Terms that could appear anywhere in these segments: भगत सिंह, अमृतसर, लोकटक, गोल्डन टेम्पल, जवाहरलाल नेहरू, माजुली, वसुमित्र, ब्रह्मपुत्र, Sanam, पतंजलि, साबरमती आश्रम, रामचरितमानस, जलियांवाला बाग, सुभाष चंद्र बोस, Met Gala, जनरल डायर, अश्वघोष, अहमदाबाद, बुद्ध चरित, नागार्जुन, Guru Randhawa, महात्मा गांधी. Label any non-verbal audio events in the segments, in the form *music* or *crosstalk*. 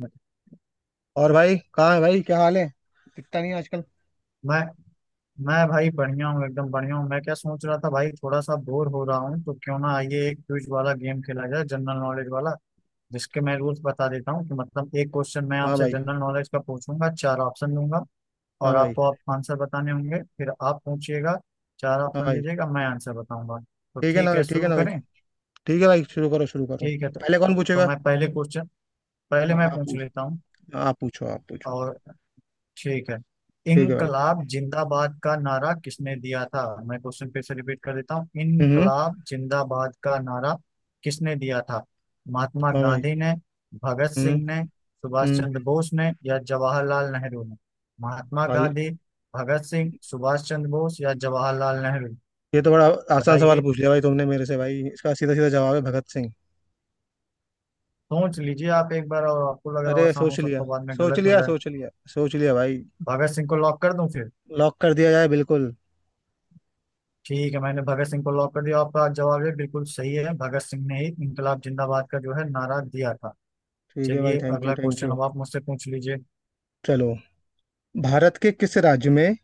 मैं और भाई कहाँ है भाई? क्या हाल है? दिखता नहीं है आजकल। मैं भाई बढ़िया हूँ, एकदम बढ़िया हूँ। मैं क्या सोच रहा था भाई, थोड़ा सा बोर हो रहा हूँ, तो क्यों ना आइए एक क्विज वाला गेम खेला जाए, जनरल नॉलेज वाला, जिसके मैं रूल्स बता देता हूँ कि मतलब एक क्वेश्चन मैं हाँ आपसे भाई। जनरल नॉलेज का पूछूंगा, चार ऑप्शन दूंगा हाँ और भाई। आपको आप आंसर बताने होंगे। फिर आप पूछिएगा, चार हाँ ऑप्शन भाई। दीजिएगा, मैं आंसर बताऊंगा। तो ठीक है ना ठीक भाई, है, ठीक है शुरू ना भाई। करें? ठीक है भाई, शुरू करो शुरू करो। ठीक है। तो, पहले कौन तो पूछेगा? मैं पहले क्वेश्चन पहले हाँ, मैं आप पूछ पूछ। लेता हूँ। आप पूछो आप पूछो। और ठीक है, ठीक है भाई। इनकलाब जिंदाबाद का नारा किसने दिया था? मैं क्वेश्चन फिर से रिपीट कर देता हूँ। हम्म, हम्म। इनकलाब जिंदाबाद का नारा किसने दिया था? महात्मा हाँ भाई। गांधी ने, भगत हम्म। सिंह ने, सुभाष हम्म। चंद्र बोस ने या जवाहरलाल नेहरू ने? महात्मा भाई गांधी, भगत सिंह, सुभाष चंद्र बोस या जवाहरलाल नेहरू? ये तो बड़ा आसान सवाल बताइए। पूछ लिया भाई तुमने मेरे से भाई, इसका सीधा सीधा जवाब है भगत सिंह। सोच लीजिए आप एक बार और, आपको लग रहा अरे हो आसान हो सोच लिया, सकता, बाद में सोच गलत हो लिया जाए। सोच लिया। सोच लिया भाई। भगत सिंह को लॉक कर दूं फिर? लॉक कर दिया जाए बिल्कुल। ठीक है, मैंने भगत सिंह को लॉक कर दिया, आपका जवाब ये बिल्कुल सही है। भगत सिंह ने ही इंकलाब जिंदाबाद का जो है नारा दिया था। ठीक है भाई, चलिए, थैंक यू अगला थैंक क्वेश्चन यू। अब आप मुझसे पूछ लीजिए। चलो। भारत के किस राज्य में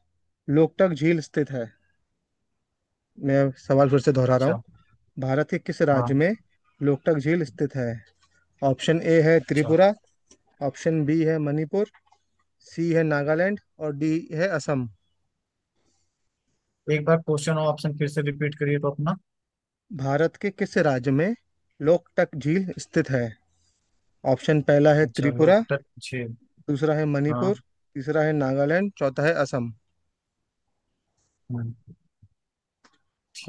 लोकटक झील स्थित है? मैं सवाल फिर से दोहरा रहा हूँ। अच्छा। भारत के किस राज्य हाँ। में लोकटक झील स्थित है? ऑप्शन ए है अच्छा, त्रिपुरा। ऑप्शन बी है मणिपुर। सी है नागालैंड और डी है असम। एक बार क्वेश्चन और ऑप्शन फिर से रिपीट करिए तो अपना। भारत के किस राज्य में लोकटक झील स्थित है? ऑप्शन पहला है अच्छा, लोग त्रिपुरा। उत्तर पूछिए। दूसरा है हाँ। मणिपुर। तीसरा है नागालैंड, चौथा है असम। हम्म,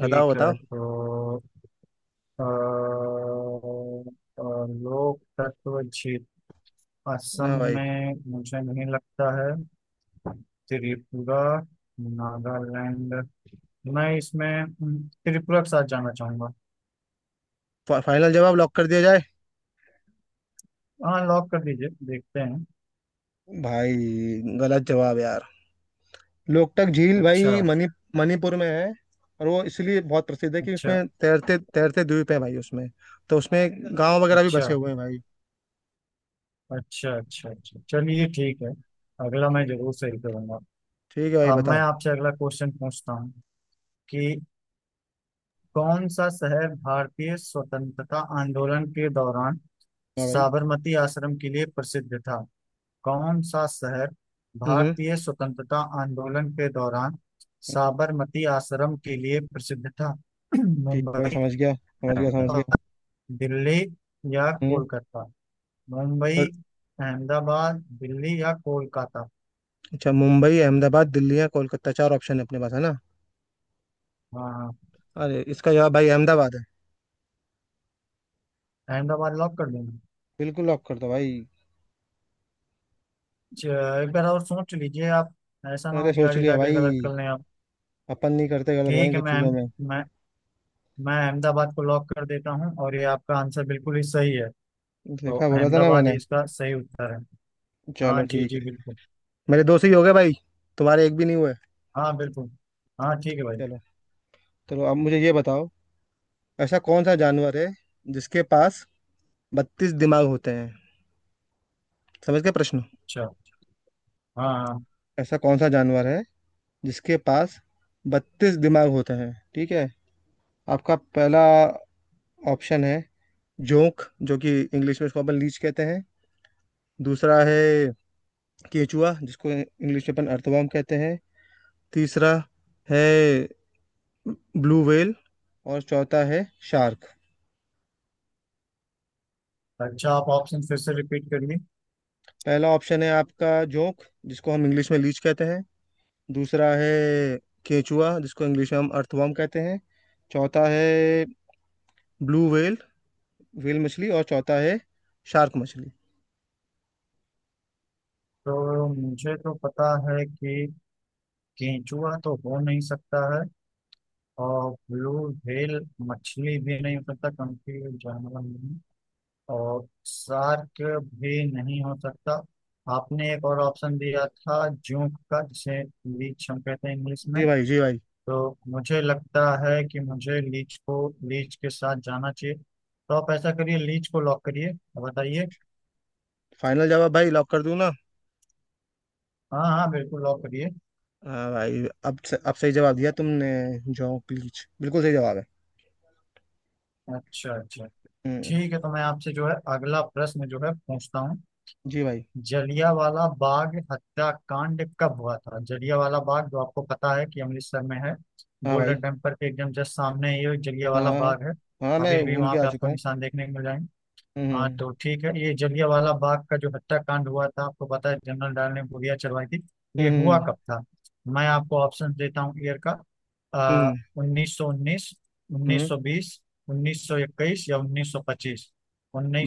बताओ है बताओ। तो अ, अ, लोक तत्व झील ना असम भाई, में मुझे नहीं लगता है। त्रिपुरा, नागालैंड। मैं इसमें त्रिपुरा के साथ जाना चाहूंगा। फाइनल जवाब लॉक कर दिया जाए। हाँ, लॉक कर दीजिए, देखते हैं। भाई गलत जवाब यार। लोकटक झील अच्छा भाई मणिपुर में है। और वो इसलिए बहुत प्रसिद्ध है कि अच्छा उसमें तैरते तैरते द्वीप है भाई, उसमें तो उसमें गांव वगैरह भी अच्छा बसे हुए हैं भाई। अच्छा अच्छा अच्छा, चलिए ठीक है। अगला मैं जरूर सही करूंगा। ठीक है भाई अब मैं बताओ। आपसे अगला क्वेश्चन पूछता हूँ कि कौन सा शहर भारतीय स्वतंत्रता आंदोलन के दौरान हाँ भाई। साबरमती आश्रम के लिए प्रसिद्ध था? कौन सा शहर हम्म। भारतीय स्वतंत्रता आंदोलन के दौरान साबरमती आश्रम के लिए प्रसिद्ध था? *clears throat* ठीक है भाई, मुंबई, समझ गया समझ गया समझ गया। दिल्ली या हम्म। कोलकाता? मुंबई, बस। अहमदाबाद, दिल्ली या कोलकाता? अच्छा, मुंबई अहमदाबाद दिल्ली या कोलकाता, चार ऑप्शन है अपने पास, है ना? हाँ हाँ। अरे इसका जवाब भाई अहमदाबाद है। अहमदाबाद लॉक कर देना? बिल्कुल लॉक कर दो भाई। च- एक बार और सोच लीजिए आप। ऐसा ना अरे हो कि सोच आगे लिया जाके भाई, गलत कर लें आप। अपन नहीं करते गलत भाई इन ठीक है, सब चीजों में। मैं मैं अहमदाबाद को लॉक कर देता हूँ और ये आपका आंसर बिल्कुल ही सही है। तो देखा, बोला था ना अहमदाबाद मैंने। ही इसका सही उत्तर है। हाँ चलो जी ठीक जी, है। बिल्कुल। मेरे दो से ही हो गए भाई, तुम्हारे एक भी नहीं हुए। हाँ, बिल्कुल। हाँ ठीक है भाई। चलो। चलो अब मुझे ये बताओ, ऐसा कौन सा जानवर है जिसके पास 32 दिमाग होते हैं? समझ गए प्रश्न? अच्छा। हाँ हाँ। ऐसा कौन सा जानवर है जिसके पास बत्तीस दिमाग होते हैं, ठीक है? आपका पहला ऑप्शन है जोंक, जो कि इंग्लिश में इसको अपन लीच कहते हैं। दूसरा है केचुआ, जिसको इंग्लिश में अपन अर्थवर्म कहते हैं। तीसरा है ब्लू व्हेल और चौथा है शार्क। अच्छा, आप ऑप्शन फिर से रिपीट करिए। पहला ऑप्शन है आपका जोंक, जिसको हम इंग्लिश में लीच कहते हैं। दूसरा है केचुआ, जिसको इंग्लिश में हम अर्थवर्म कहते हैं। चौथा है ब्लू व्हेल, व्हेल मछली, और चौथा है शार्क मछली। तो मुझे तो पता है कि केंचुआ तो हो नहीं सकता है। और ब्लू व्हेल मछली भी नहीं हो सकता क्योंकि ये जानवर नहीं। और शार्क भी नहीं हो सकता। आपने एक और ऑप्शन दिया था जूक का, जिसे लीच हम कहते हैं इंग्लिश में। जी भाई, जी भाई। तो मुझे लगता है कि मुझे लीच को लीच के साथ जाना चाहिए, तो आप ऐसा करिए, लीच को लॉक करिए। बताइए। फाइनल जवाब भाई लॉक कर दूं ना? हाँ हाँ, बिल्कुल लॉक करिए। हाँ भाई, अब सही जवाब दिया तुमने। जॉ क्लीच बिल्कुल सही जवाब है। अच्छा अच्छा। हम्म। ठीक है, तो मैं आपसे जो है अगला प्रश्न जो है पूछता हूँ। जी भाई। जलियांवाला बाग हत्याकांड कब हुआ था? जलियांवाला बाग जो आपको पता है कि अमृतसर में है। हाँ भाई। गोल्डन टेम्पल के एकदम जस्ट सामने ही हाँ जलियांवाला हाँ। बाग है। हाँ हाँ, मैं अभी भी घूम के वहां आ पे चुका आपको हूँ। निशान देखने को मिल जाएंगे। हाँ, हम्म। तो ठीक है, ये जलियांवाला बाग का जो हत्याकांड हुआ था, आपको पता है जनरल डायर ने गोलियां चलवाई थी। हम्म। ये हुआ हम्म। कब था? मैं आपको ऑप्शन देता हूँ ईयर का। आ, हम्म। 1919, हम्म। 1920, 1921 या 1925?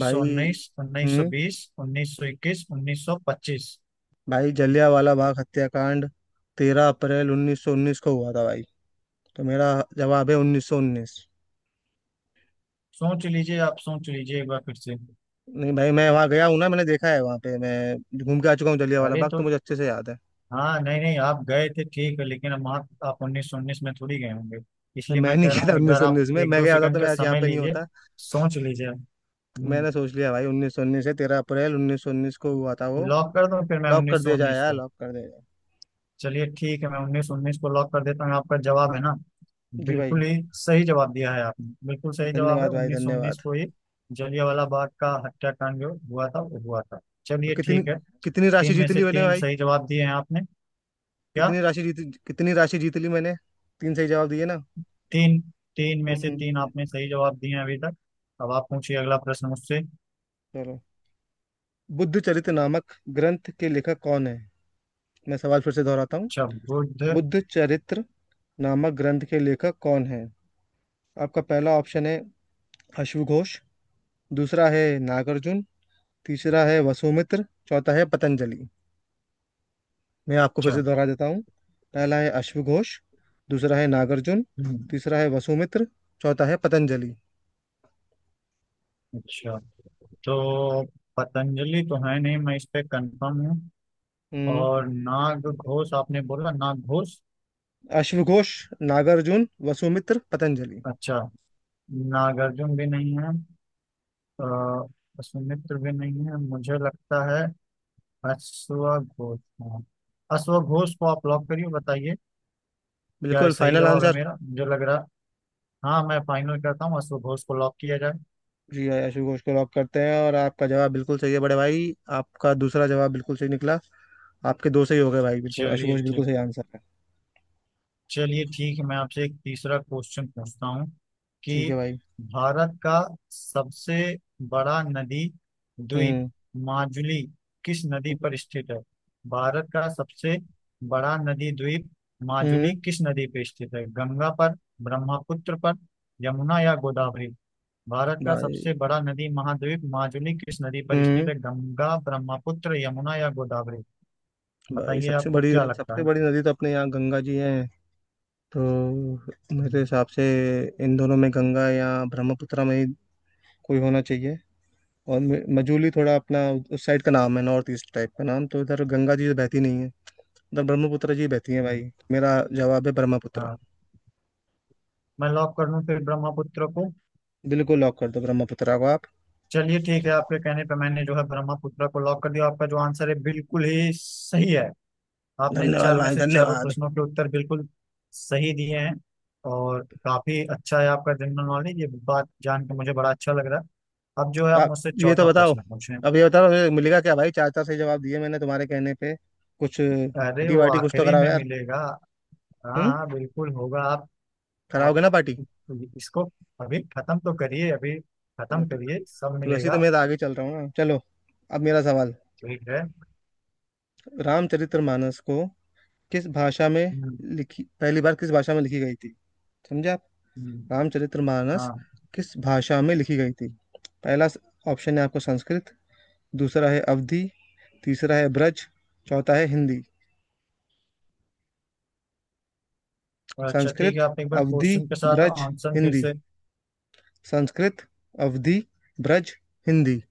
भाई। हम्म। 1920, 1921, 1925। भाई जलिया वाला बाग हत्याकांड 13 अप्रैल 1919 को हुआ था भाई। तो मेरा जवाब है 1919। सोच लीजिए आप, सोच लीजिए एक बार फिर से। नहीं भाई, मैं वहाँ गया हूँ ना, मैंने देखा है वहाँ पे। मैं घूम के आ चुका हूँ जलियांवाला अरे बाग, तो तो मुझे अच्छे से याद है। हाँ, नहीं नहीं, आप गए थे ठीक है, लेकिन आप उन्नीस सौ उन्नीस में थोड़ी गए होंगे। इसलिए मैं मैं नहीं कह रहा गया था हूँ, एक उन्नीस बार सौ आप उन्नीस में, एक मैं दो गया होता तो सेकंड का मैं आज यहाँ समय पे नहीं लीजिए। होता। सोच लीजिए। हम्म, मैंने सोच लिया भाई, 1919 है, 13 अप्रैल 1919 को हुआ था वो। लॉक कर दूं फिर मैं लॉक कर उन्नीस सौ दिया जाए उन्नीस यार, को? लॉक कर दिया जाए। चलिए ठीक है, मैं उन्नीस सौ उन्नीस को लॉक कर देता हूँ, आपका जवाब है ना, जी भाई, बिल्कुल ही सही जवाब दिया है आपने। बिल्कुल सही जवाब है, धन्यवाद भाई उन्नीस सौ उन्नीस धन्यवाद। को ही जलियांवाला बाग का हत्याकांड जो हुआ था वो हुआ था। तो चलिए कितनी ठीक है। कितनी राशि तीन में जीत से ली मैंने तीन भाई? सही जवाब दिए हैं आपने। क्या? कितनी राशि जीत ली मैंने? तीन सही जवाब दिए ना? तीन, तीन में से हम्म। तीन आपने सही जवाब दिए हैं अभी तक। अब आप पूछिए अगला प्रश्न मुझसे। चलो। बुद्ध चरित नामक ग्रंथ के लेखक कौन है? मैं सवाल फिर से दोहराता हूँ। अच्छा, बुद्ध। बुद्ध चरित्र नामक ग्रंथ के लेखक कौन है? आपका पहला ऑप्शन है अश्वघोष। दूसरा है नागार्जुन। तीसरा है वसुमित्र, चौथा है पतंजलि। मैं आपको फिर अच्छा। से दोहरा देता हूँ। पहला है अश्वघोष। दूसरा है नागार्जुन। हम्म, तीसरा है वसुमित्र। चौथा है पतंजलि। अच्छा, तो पतंजलि तो है नहीं, मैं इस पे कंफर्म हूँ। हम्म। और नाग घोष, आपने बोला नाग घोष। अश्वघोष, नागार्जुन, वसुमित्र, पतंजलि। अच्छा, नागार्जुन भी नहीं है। सुमित्र भी नहीं है मुझे लगता है। अश्वघोष, हाँ, अश्वघोष को आप लॉक करिए, बताइए। क्या ये बिल्कुल सही फाइनल जवाब है आंसर। मेरा, मुझे लग रहा? हाँ, मैं फाइनल करता हूँ, अश्वघोष को लॉक किया जाए। जी, आयाशु घोष को लॉक करते हैं और आपका जवाब बिल्कुल सही है बड़े भाई। आपका दूसरा जवाब बिल्कुल सही निकला। आपके दो सही हो गए भाई, बिल्कुल आशु चलिए घोष बिल्कुल ठीक। सही आंसर है। चलिए ठीक है, मैं आपसे एक तीसरा क्वेश्चन पूछता हूँ ठीक कि है भाई। भारत का सबसे बड़ा नदी द्वीप हम्म। माजुली किस नदी पर स्थित है? भारत का सबसे बड़ा नदी द्वीप माजुली हम्म। किस नदी पर स्थित है? गंगा पर, ब्रह्मपुत्र पर, यमुना या गोदावरी? भारत का सबसे भाई। बड़ा नदी महाद्वीप माजुली किस नदी पर स्थित हम्म। है? गंगा, ब्रह्मपुत्र, यमुना या गोदावरी? भाई, बताइए, आपको क्या लगता सबसे है? बड़ी नदी तो अपने यहाँ गंगा जी है, तो मेरे हम्म, हिसाब से इन दोनों में गंगा या ब्रह्मपुत्र में ही कोई होना चाहिए। और मजूली थोड़ा अपना उस साइड का नाम है, नॉर्थ ईस्ट टाइप का नाम, तो इधर गंगा जी तो बहती नहीं है, उधर ब्रह्मपुत्र जी बहती है हम्म, भाई। मेरा जवाब है ब्रह्मपुत्र। हाँ, मैं लॉक कर दूं फिर ब्रह्मपुत्र को? बिल्कुल लॉक कर दो ब्रह्मपुत्रा को आप। चलिए ठीक है, आपके कहने पे मैंने जो है ब्रह्मपुत्र को लॉक कर दिया, आपका जो आंसर है बिल्कुल ही सही है। आपने धन्यवाद चार में भाई से चारों धन्यवाद। प्रश्नों के उत्तर बिल्कुल सही दिए हैं, और काफी अच्छा है आपका जनरल नॉलेज, ये बात जान के मुझे बड़ा अच्छा लग रहा है। अब जो है तो आप आप मुझसे ये तो चौथा बताओ, प्रश्न पूछें। अब ये बताओ ये मिलेगा क्या भाई? चार चार सही जवाब दिए मैंने तुम्हारे कहने पे, कुछ अरे, पार्टी वो वार्टी कुछ तो आखिरी कराओ में यार। मिलेगा। हाँ हम्म। हाँ, बिल्कुल होगा। आप कराओगे ना पार्टी? इसको अभी खत्म तो करिए, अभी चलो खत्म ठीक। करिए, सब तो वैसे ही मिलेगा। तो मैं तो आगे चल रहा हूँ ना, चलो। अब मेरा सवाल। ठीक है। रामचरितमानस को किस भाषा में हम्म, लिखी, पहली बार किस भाषा में लिखी गई थी? समझे आप? हम्म, रामचरितमानस हाँ। किस भाषा में लिखी गई थी? पहला ऑप्शन है आपको संस्कृत। दूसरा है अवधी। तीसरा है ब्रज। चौथा है हिंदी। अच्छा ठीक है, संस्कृत, आप एक बार अवधि, क्वेश्चन के साथ ब्रज, आंसर फिर हिंदी। से। संस्कृत, अवधि, ब्रज, हिंदी।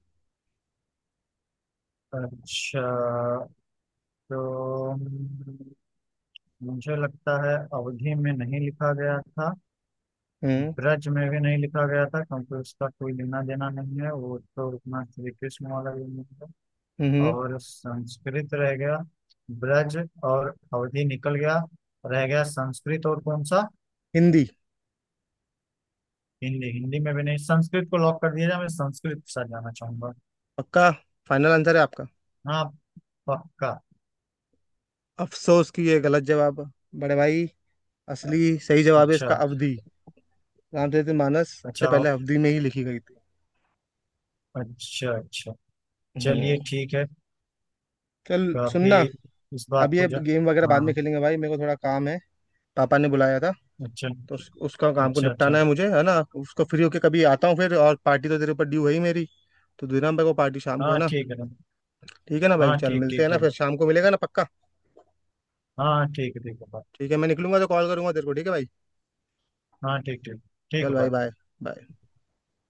अच्छा, तो मुझे लगता है अवधि में नहीं लिखा गया था। हम्म। ब्रज में भी नहीं लिखा गया था क्योंकि उसका कोई लेना देना नहीं है, वो तो अपना श्री कृष्ण वाला भी नहीं है। हम्म। और संस्कृत रह गया, ब्रज और अवधि निकल गया। रह गया संस्कृत और कौन सा? हिंदी। हिंदी। हिंदी में भी नहीं, संस्कृत को लॉक कर दिया जाए, मैं संस्कृत के साथ जाना चाहूंगा। पक्का? फाइनल आंसर है आपका? हाँ, पक्का। अफसोस कि ये गलत जवाब है। बड़े भाई, असली सही जवाब है अच्छा इसका अवधि। रामचरित मानस सबसे अच्छा पहले अवधि में ही लिखी गई थी। अच्छा अच्छा, चलिए हम्म। ठीक है। चल काफी सुनना, इस बात अब को ये जा। गेम वगैरह बाद में हाँ। खेलेंगे भाई, मेरे को थोड़ा काम है, पापा ने बुलाया था। अच्छा तो उसका काम को अच्छा अच्छा। निपटाना है मुझे, है ना? उसको फ्री होके कभी आता हूँ फिर, और पार्टी तो तेरे ऊपर ड्यू है ही मेरी, तो देना मेरे को पार्टी शाम को, है हाँ, ना? ठीक है ना। ठीक है ना भाई, हाँ, चल ठीक मिलते ठीक हैं ना ठीक। फिर, शाम को मिलेगा ना पक्का? हाँ, ठीक है ठीक है, बाय। ठीक है मैं निकलूंगा तो कॉल करूंगा तेरे को, ठीक है भाई। हाँ, ठीक ठीक। ठीक चल है, भाई bye। बाय। बाय।